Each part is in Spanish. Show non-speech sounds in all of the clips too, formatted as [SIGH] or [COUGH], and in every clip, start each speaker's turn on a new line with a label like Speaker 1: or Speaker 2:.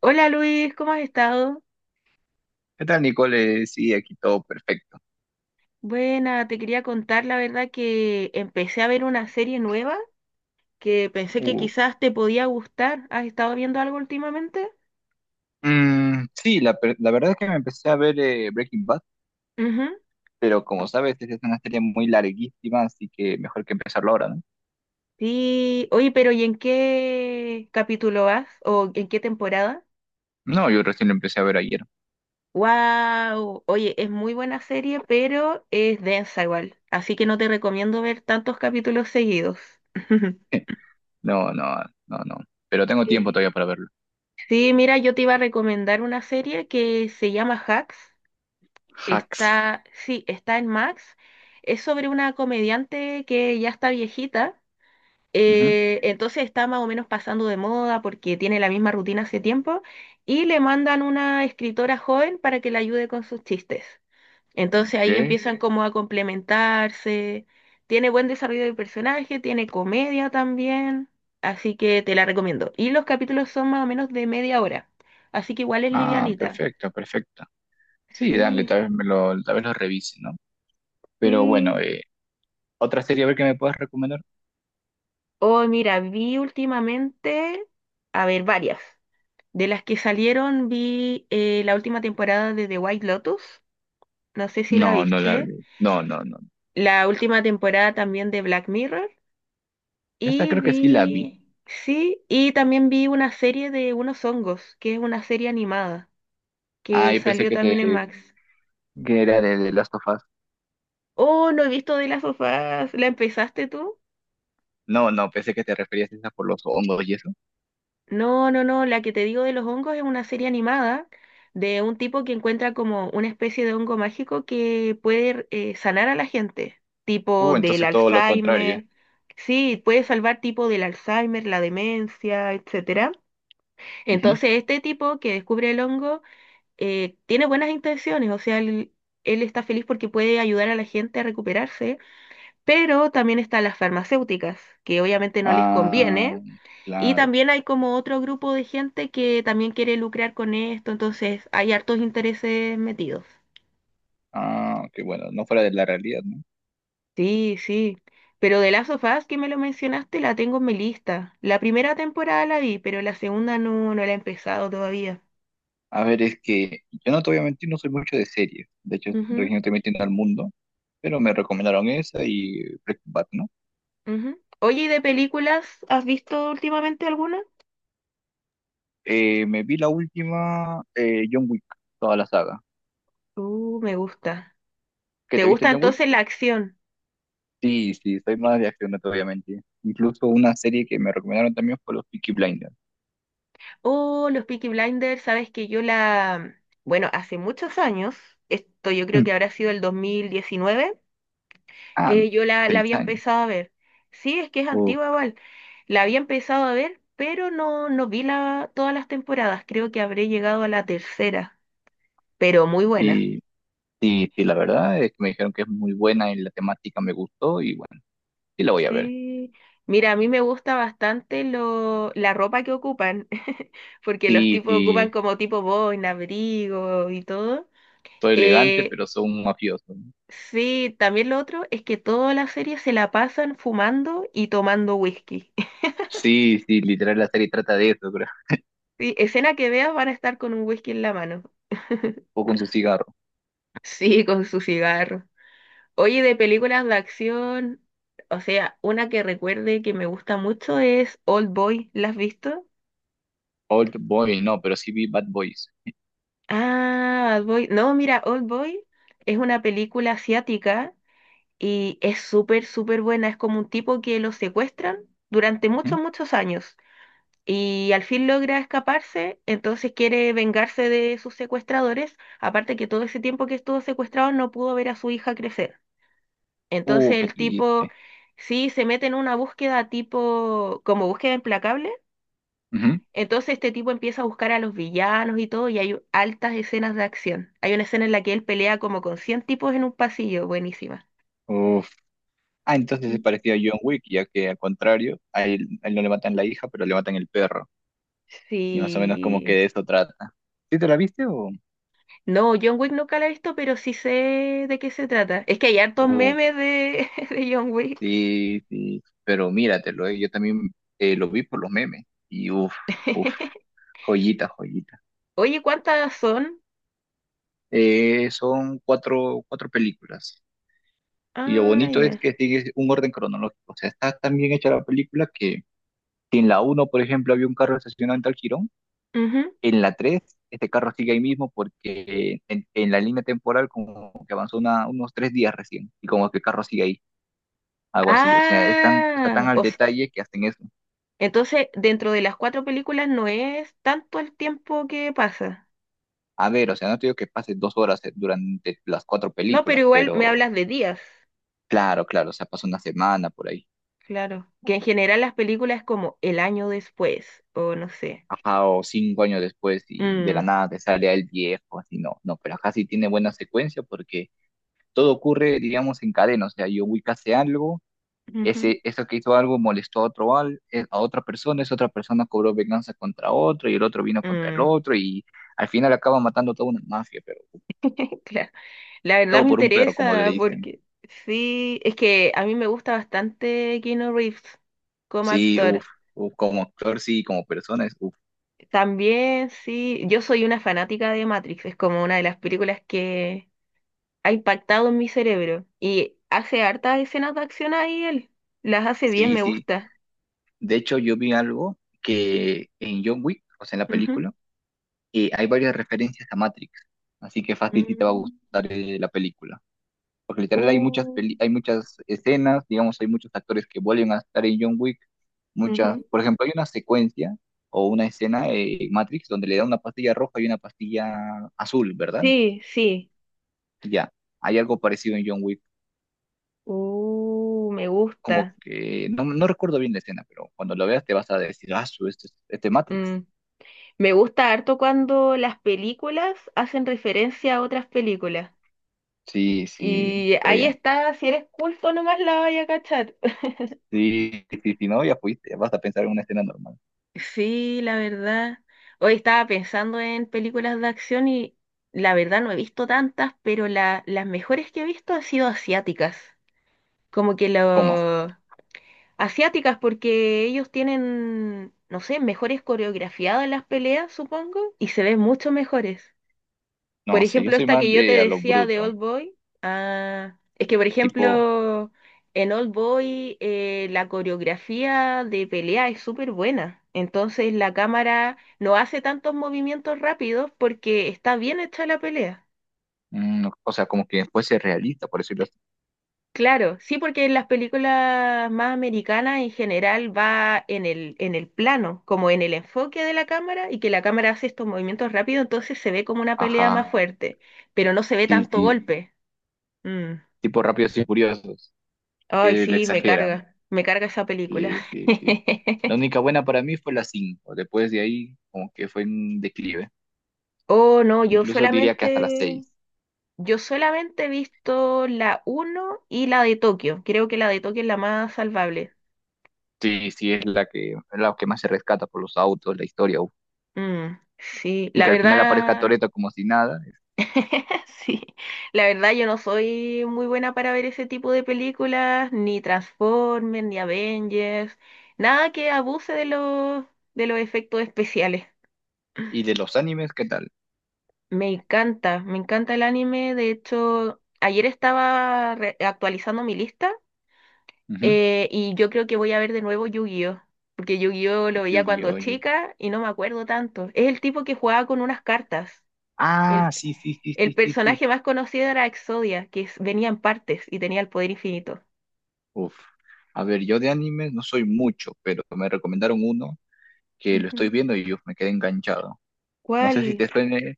Speaker 1: Hola Luis, ¿cómo has estado?
Speaker 2: ¿Qué tal, Nicole? Sí, aquí todo perfecto.
Speaker 1: Buena, te quería contar la verdad que empecé a ver una serie nueva que pensé que
Speaker 2: Uh,
Speaker 1: quizás te podía gustar. ¿Has estado viendo algo últimamente?
Speaker 2: sí, la verdad es que me empecé a ver Breaking Bad,
Speaker 1: Ujú.
Speaker 2: pero como sabes, es una serie muy larguísima, así que mejor que empezarlo ahora, ¿no?
Speaker 1: Sí, oye, pero ¿y en qué capítulo vas? ¿O en qué temporada?
Speaker 2: No, yo recién lo empecé a ver ayer.
Speaker 1: Wow, oye, es muy buena serie, pero es densa igual, así que no te recomiendo ver tantos capítulos seguidos. [LAUGHS]
Speaker 2: [LAUGHS] No, no, no, no. Pero tengo tiempo
Speaker 1: Sí.
Speaker 2: todavía para verlo.
Speaker 1: Sí, mira, yo te iba a recomendar una serie que se llama Hacks.
Speaker 2: Hacks.
Speaker 1: Está, sí, está en Max. Es sobre una comediante que ya está viejita.
Speaker 2: Ujú,
Speaker 1: Entonces está más o menos pasando de moda porque tiene la misma rutina hace tiempo. Y le mandan una escritora joven para que la ayude con sus chistes. Entonces ahí
Speaker 2: ok.
Speaker 1: empiezan como a complementarse. Tiene buen desarrollo de personaje, tiene comedia también. Así que te la recomiendo. Y los capítulos son más o menos de media hora. Así que igual es
Speaker 2: Ah,
Speaker 1: livianita.
Speaker 2: perfecto, perfecto. Sí, dale,
Speaker 1: Sí,
Speaker 2: tal vez lo revise, ¿no? Pero bueno,
Speaker 1: sí.
Speaker 2: ¿otra serie a ver que me puedas recomendar?
Speaker 1: Oh, mira, vi últimamente, a ver, varias. De las que salieron, vi la última temporada de The White Lotus, no sé si
Speaker 2: No,
Speaker 1: la
Speaker 2: no la
Speaker 1: viste.
Speaker 2: vi. No, no, no.
Speaker 1: La última temporada también de Black Mirror.
Speaker 2: Esta
Speaker 1: Y
Speaker 2: creo que sí la vi.
Speaker 1: vi, sí, y también vi una serie de unos hongos, que es una serie animada,
Speaker 2: Ah,
Speaker 1: que
Speaker 2: yo pensé
Speaker 1: salió
Speaker 2: que
Speaker 1: también en
Speaker 2: te,
Speaker 1: Max.
Speaker 2: que era de The Last of Us.
Speaker 1: Oh, no he visto de las sofás, ¿la empezaste tú?
Speaker 2: No, no, pensé que te referías a esa por los hongos y eso.
Speaker 1: No, no, no, la que te digo de los hongos es una serie animada de un tipo que encuentra como una especie de hongo mágico que puede sanar a la gente, tipo del
Speaker 2: Entonces todo lo contrario.
Speaker 1: Alzheimer, sí, puede salvar tipo del Alzheimer, la demencia, etcétera.
Speaker 2: Ujú.
Speaker 1: Entonces este tipo que descubre el hongo tiene buenas intenciones, o sea, él está feliz porque puede ayudar a la gente a recuperarse, pero también están las farmacéuticas, que obviamente no les conviene
Speaker 2: Ah,
Speaker 1: y
Speaker 2: claro.
Speaker 1: también hay como otro grupo de gente que también quiere lucrar con esto, entonces hay hartos intereses metidos.
Speaker 2: Ah, que bueno, no fuera de la realidad, ¿no?
Speaker 1: Sí, sí. Pero de Last of Us, que me lo mencionaste, la tengo en mi lista. La primera temporada la vi, pero la segunda no, no la he empezado todavía.
Speaker 2: A ver, es que yo no te voy a mentir, no soy mucho de series. De hecho,
Speaker 1: Ujú,
Speaker 2: recién estoy metiendo al mundo, pero me recomendaron esa y Breaking Bad, ¿no?
Speaker 1: ujú. Oye, ¿y de películas has visto últimamente alguna?
Speaker 2: Me vi la última, John Wick, toda la saga.
Speaker 1: Me gusta.
Speaker 2: ¿Qué
Speaker 1: ¿Te
Speaker 2: te viste
Speaker 1: gusta
Speaker 2: John Wick?
Speaker 1: entonces la acción?
Speaker 2: Sí, sí, soy más de acción, no te voy a mentir. Incluso una serie que me recomendaron también fue los Peaky Blinders.
Speaker 1: Oh, los Peaky Blinders, sabes que yo la... Bueno, hace muchos años, esto yo creo que habrá sido el 2019
Speaker 2: Ah, no,
Speaker 1: yo la
Speaker 2: seis
Speaker 1: había
Speaker 2: años.
Speaker 1: empezado a ver. Sí, es que es
Speaker 2: Uf,
Speaker 1: antigua igual. La había empezado a ver, pero no, no vi la, todas las temporadas. Creo que habré llegado a la tercera, pero muy buena.
Speaker 2: y, y la verdad es que me dijeron que es muy buena y la temática me gustó y bueno, sí la voy a ver.
Speaker 1: Sí. Mira, a mí me gusta bastante lo, la ropa que ocupan, [LAUGHS] porque los
Speaker 2: Sí,
Speaker 1: tipos ocupan
Speaker 2: sí,
Speaker 1: como tipo boina, abrigo y todo.
Speaker 2: soy elegante,
Speaker 1: Eh,
Speaker 2: pero soy un mafioso, ¿no?
Speaker 1: sí, también lo otro es que toda la serie se la pasan fumando y tomando whisky. [LAUGHS]
Speaker 2: Sí, sí, literal la serie trata de eso, creo.
Speaker 1: Sí, escena que veas van a estar con un whisky en la mano. [LAUGHS]
Speaker 2: O con su cigarro.
Speaker 1: Sí, con su cigarro. Oye, de películas de acción, o sea, una que recuerde que me gusta mucho es Old Boy. ¿La has visto?
Speaker 2: Old Boy, no, pero sí vi Bad Boys.
Speaker 1: Ah, Old Boy. No, mira, Old Boy es una película asiática y es súper, súper buena. Es como un tipo que lo secuestran durante
Speaker 2: Ujú.
Speaker 1: muchos, muchos años y al fin logra escaparse, entonces quiere vengarse de sus secuestradores, aparte que todo ese tiempo que estuvo secuestrado no pudo ver a su hija crecer. Entonces
Speaker 2: Qué
Speaker 1: el tipo
Speaker 2: triste.
Speaker 1: sí se mete en una búsqueda tipo, como búsqueda implacable.
Speaker 2: Ujú.
Speaker 1: Entonces este tipo empieza a buscar a los villanos y todo, y hay altas escenas de acción. Hay una escena en la que él pelea como con 100 tipos en un pasillo, buenísima.
Speaker 2: Uf. Ah, entonces es
Speaker 1: Mm.
Speaker 2: parecido a John Wick, ya que al contrario, a él no le matan la hija, pero le matan el perro. Y más o menos como que
Speaker 1: Sí.
Speaker 2: de eso trata. ¿Sí te la viste o...?
Speaker 1: No, John Wick nunca la he visto, pero sí sé de qué se trata. Es que hay hartos memes
Speaker 2: Uf.
Speaker 1: de, [LAUGHS] de John Wick.
Speaker 2: Sí, sí, pero míratelo. Yo también lo vi por los memes y uff, uff,
Speaker 1: [LAUGHS]
Speaker 2: joyita, joyita.
Speaker 1: Oye, ¿cuántas son?
Speaker 2: Son cuatro, cuatro películas y lo
Speaker 1: Ah,
Speaker 2: bonito es
Speaker 1: ya.
Speaker 2: que sigue un orden cronológico, o sea, está tan bien hecha la película que si en la uno, por ejemplo, había un carro estacionado en tal jirón,
Speaker 1: Ujú.
Speaker 2: en la 3 este carro sigue ahí mismo porque en la línea temporal como que avanzó unos 3 días recién y como que el carro sigue ahí, algo así, o sea, está tan
Speaker 1: Ah,
Speaker 2: al
Speaker 1: o
Speaker 2: detalle que hacen eso.
Speaker 1: entonces, dentro de las cuatro películas no es tanto el tiempo que pasa.
Speaker 2: A ver, o sea, no te digo que pases 2 horas durante las cuatro
Speaker 1: No, pero
Speaker 2: películas,
Speaker 1: igual me
Speaker 2: pero
Speaker 1: hablas de días,
Speaker 2: claro, claro, o sea, pasa una semana por ahí.
Speaker 1: claro. Que en general las películas es como el año después, o no sé.
Speaker 2: Ajá, o 5 años después y de la
Speaker 1: Mm,
Speaker 2: nada te sale el viejo, así no, no, pero acá sí tiene buena secuencia porque todo ocurre, digamos, en cadena, o sea, Yowik hace algo,
Speaker 1: ujú,
Speaker 2: ese, eso que hizo algo molestó a otro, a otra persona, esa otra persona cobró venganza contra otro y el otro vino contra el
Speaker 1: mm,
Speaker 2: otro y al final acaba matando toda una mafia, pero
Speaker 1: [LAUGHS] claro. La verdad
Speaker 2: todo
Speaker 1: me
Speaker 2: por un perro, como le
Speaker 1: interesa
Speaker 2: dicen.
Speaker 1: porque sí, es que a mí me gusta bastante Keanu Reeves como
Speaker 2: Sí, uff, uf,
Speaker 1: actor.
Speaker 2: uf, como actor, sí, como persona, uff.
Speaker 1: También sí, yo soy una fanática de Matrix, es como una de las películas que ha impactado en mi cerebro. Y hace hartas escenas de acción ahí él. Las hace bien,
Speaker 2: Sí,
Speaker 1: me
Speaker 2: sí.
Speaker 1: gusta.
Speaker 2: De hecho, yo vi algo que en John Wick, o sea, en la
Speaker 1: Ujú.
Speaker 2: película, hay varias referencias a Matrix. Así que fácil sí te va a
Speaker 1: Mm.
Speaker 2: gustar la película. Porque literal
Speaker 1: Uh,
Speaker 2: hay muchas escenas, digamos, hay muchos actores que vuelven a estar en John Wick. Muchas,
Speaker 1: ujú.
Speaker 2: por ejemplo, hay una secuencia o una escena en Matrix donde le da una pastilla roja y una pastilla azul, ¿verdad?
Speaker 1: Sí, sí.
Speaker 2: Ya, hay algo parecido en John Wick.
Speaker 1: Me
Speaker 2: Como
Speaker 1: gusta.
Speaker 2: que no, no recuerdo bien la escena, pero cuando lo veas te vas a decir, ah, este Matrix.
Speaker 1: Mm. Me gusta harto cuando las películas hacen referencia a otras películas.
Speaker 2: Sí, sí,
Speaker 1: Y
Speaker 2: pero
Speaker 1: ahí
Speaker 2: ya.
Speaker 1: está, si eres culto nomás la vaya a cachar.
Speaker 2: Sí, sí, sí, no, ya fuiste. Vas a pensar en una escena normal.
Speaker 1: Sí, la verdad. Hoy estaba pensando en películas de acción y la verdad no he visto tantas, pero la- las mejores que he visto han sido asiáticas. Como que
Speaker 2: ¿Cómo?
Speaker 1: lo... Asiáticas porque ellos tienen, no sé, mejores coreografiadas las peleas, supongo, y se ven mucho mejores. Por
Speaker 2: No sé, yo
Speaker 1: ejemplo,
Speaker 2: soy
Speaker 1: esta
Speaker 2: más
Speaker 1: que yo te
Speaker 2: de a lo
Speaker 1: decía de
Speaker 2: bruto.
Speaker 1: Old Boy, ah, es que por
Speaker 2: Tipo,
Speaker 1: ejemplo, en Old Boy la coreografía de pelea es súper buena. Entonces la cámara no hace tantos movimientos rápidos porque está bien hecha la pelea.
Speaker 2: o sea, como que fuese realista, por decirlo así.
Speaker 1: Claro, sí, porque en las películas más americanas en general va en el plano, como en el enfoque de la cámara, y que la cámara hace estos movimientos rápidos, entonces se ve como una pelea
Speaker 2: Ajá,
Speaker 1: más fuerte, pero no se ve
Speaker 2: sí,
Speaker 1: tanto
Speaker 2: sí.
Speaker 1: golpe. Mm.
Speaker 2: Tipo rápidos y furiosos,
Speaker 1: Ay,
Speaker 2: que le
Speaker 1: sí,
Speaker 2: exageran.
Speaker 1: me carga esa película.
Speaker 2: Sí, sí, sí. La
Speaker 1: [LAUGHS]
Speaker 2: única buena para mí fue la 5. Después de ahí, como que fue un declive.
Speaker 1: Oh, no,
Speaker 2: Incluso diría que hasta la 6.
Speaker 1: yo solamente he visto la uno y la de Tokio. Creo que la de Tokio es la más salvable.
Speaker 2: Sí, sí, es la que más se rescata por los autos, la historia. Uf.
Speaker 1: Mm, sí,
Speaker 2: Y
Speaker 1: la
Speaker 2: que al final aparezca
Speaker 1: verdad,
Speaker 2: Toretto como si nada.
Speaker 1: [LAUGHS] sí, la verdad yo no soy muy buena para ver ese tipo de películas, ni Transformers, ni Avengers, nada que abuse de los efectos especiales.
Speaker 2: ¿Y de los animes, qué tal?
Speaker 1: Me encanta el anime. De hecho, ayer estaba re- actualizando mi lista
Speaker 2: Ujú.
Speaker 1: y yo creo que voy a ver de nuevo Yu-Gi-Oh! Porque Yu-Gi-Oh! Lo veía cuando
Speaker 2: Yu-Gi-Oh!
Speaker 1: chica y no me acuerdo tanto. Es el tipo que jugaba con unas cartas.
Speaker 2: Ah,
Speaker 1: El,
Speaker 2: sí, sí, sí,
Speaker 1: el
Speaker 2: sí, sí, sí.
Speaker 1: personaje más conocido era Exodia, que es- venía en partes y tenía el poder infinito.
Speaker 2: Uf. A ver, yo de anime no soy mucho, pero me recomendaron uno que lo estoy
Speaker 1: Ujú.
Speaker 2: viendo y uf, me quedé enganchado. No sé si te
Speaker 1: ¿Cuál?
Speaker 2: suene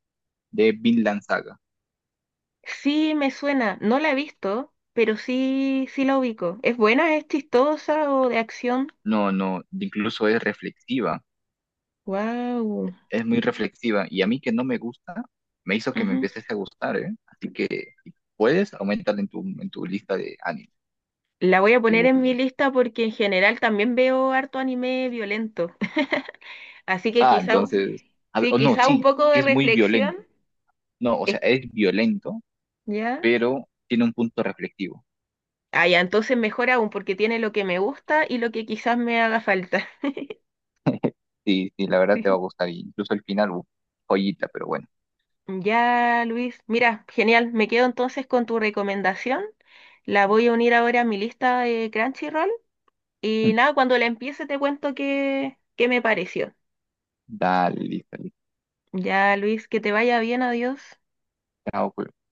Speaker 2: de Vinland Saga.
Speaker 1: Sí, me suena. No la he visto, pero sí, sí la ubico. ¿Es buena? ¿Es chistosa o de acción?
Speaker 2: No, no, incluso es reflexiva,
Speaker 1: Wow.
Speaker 2: es muy reflexiva y a mí que no me gusta, me hizo que me empieces a gustar, ¿eh? Así que si puedes aumentar en tu lista de anime.
Speaker 1: La voy a
Speaker 2: Que
Speaker 1: poner
Speaker 2: uf.
Speaker 1: en mi lista porque en general también veo harto anime violento. [LAUGHS] Así que
Speaker 2: Ah,
Speaker 1: quizá, mm,
Speaker 2: entonces, a ver,
Speaker 1: sí,
Speaker 2: o no,
Speaker 1: quizá un
Speaker 2: sí,
Speaker 1: poco
Speaker 2: sí
Speaker 1: de
Speaker 2: es muy
Speaker 1: reflexión.
Speaker 2: violento. No, o
Speaker 1: Es
Speaker 2: sea,
Speaker 1: que-
Speaker 2: es violento,
Speaker 1: ¿ya?
Speaker 2: pero tiene un punto reflexivo.
Speaker 1: Ah, ya, entonces mejor aún porque tiene lo que me gusta y lo que quizás me haga falta. [LAUGHS]
Speaker 2: Sí, sí, la verdad te va a
Speaker 1: Sí.
Speaker 2: gustar. Incluso el final, uf, joyita, pero bueno.
Speaker 1: Ya, Luis. Mira, genial. Me quedo entonces con tu recomendación. La voy a unir ahora a mi lista de Crunchyroll. Y
Speaker 2: [LAUGHS]
Speaker 1: nada, cuando la empiece te cuento qué, qué me pareció.
Speaker 2: Dale, listo, listo.
Speaker 1: Ya, Luis, que te vaya bien. Adiós.
Speaker 2: Chao, pues.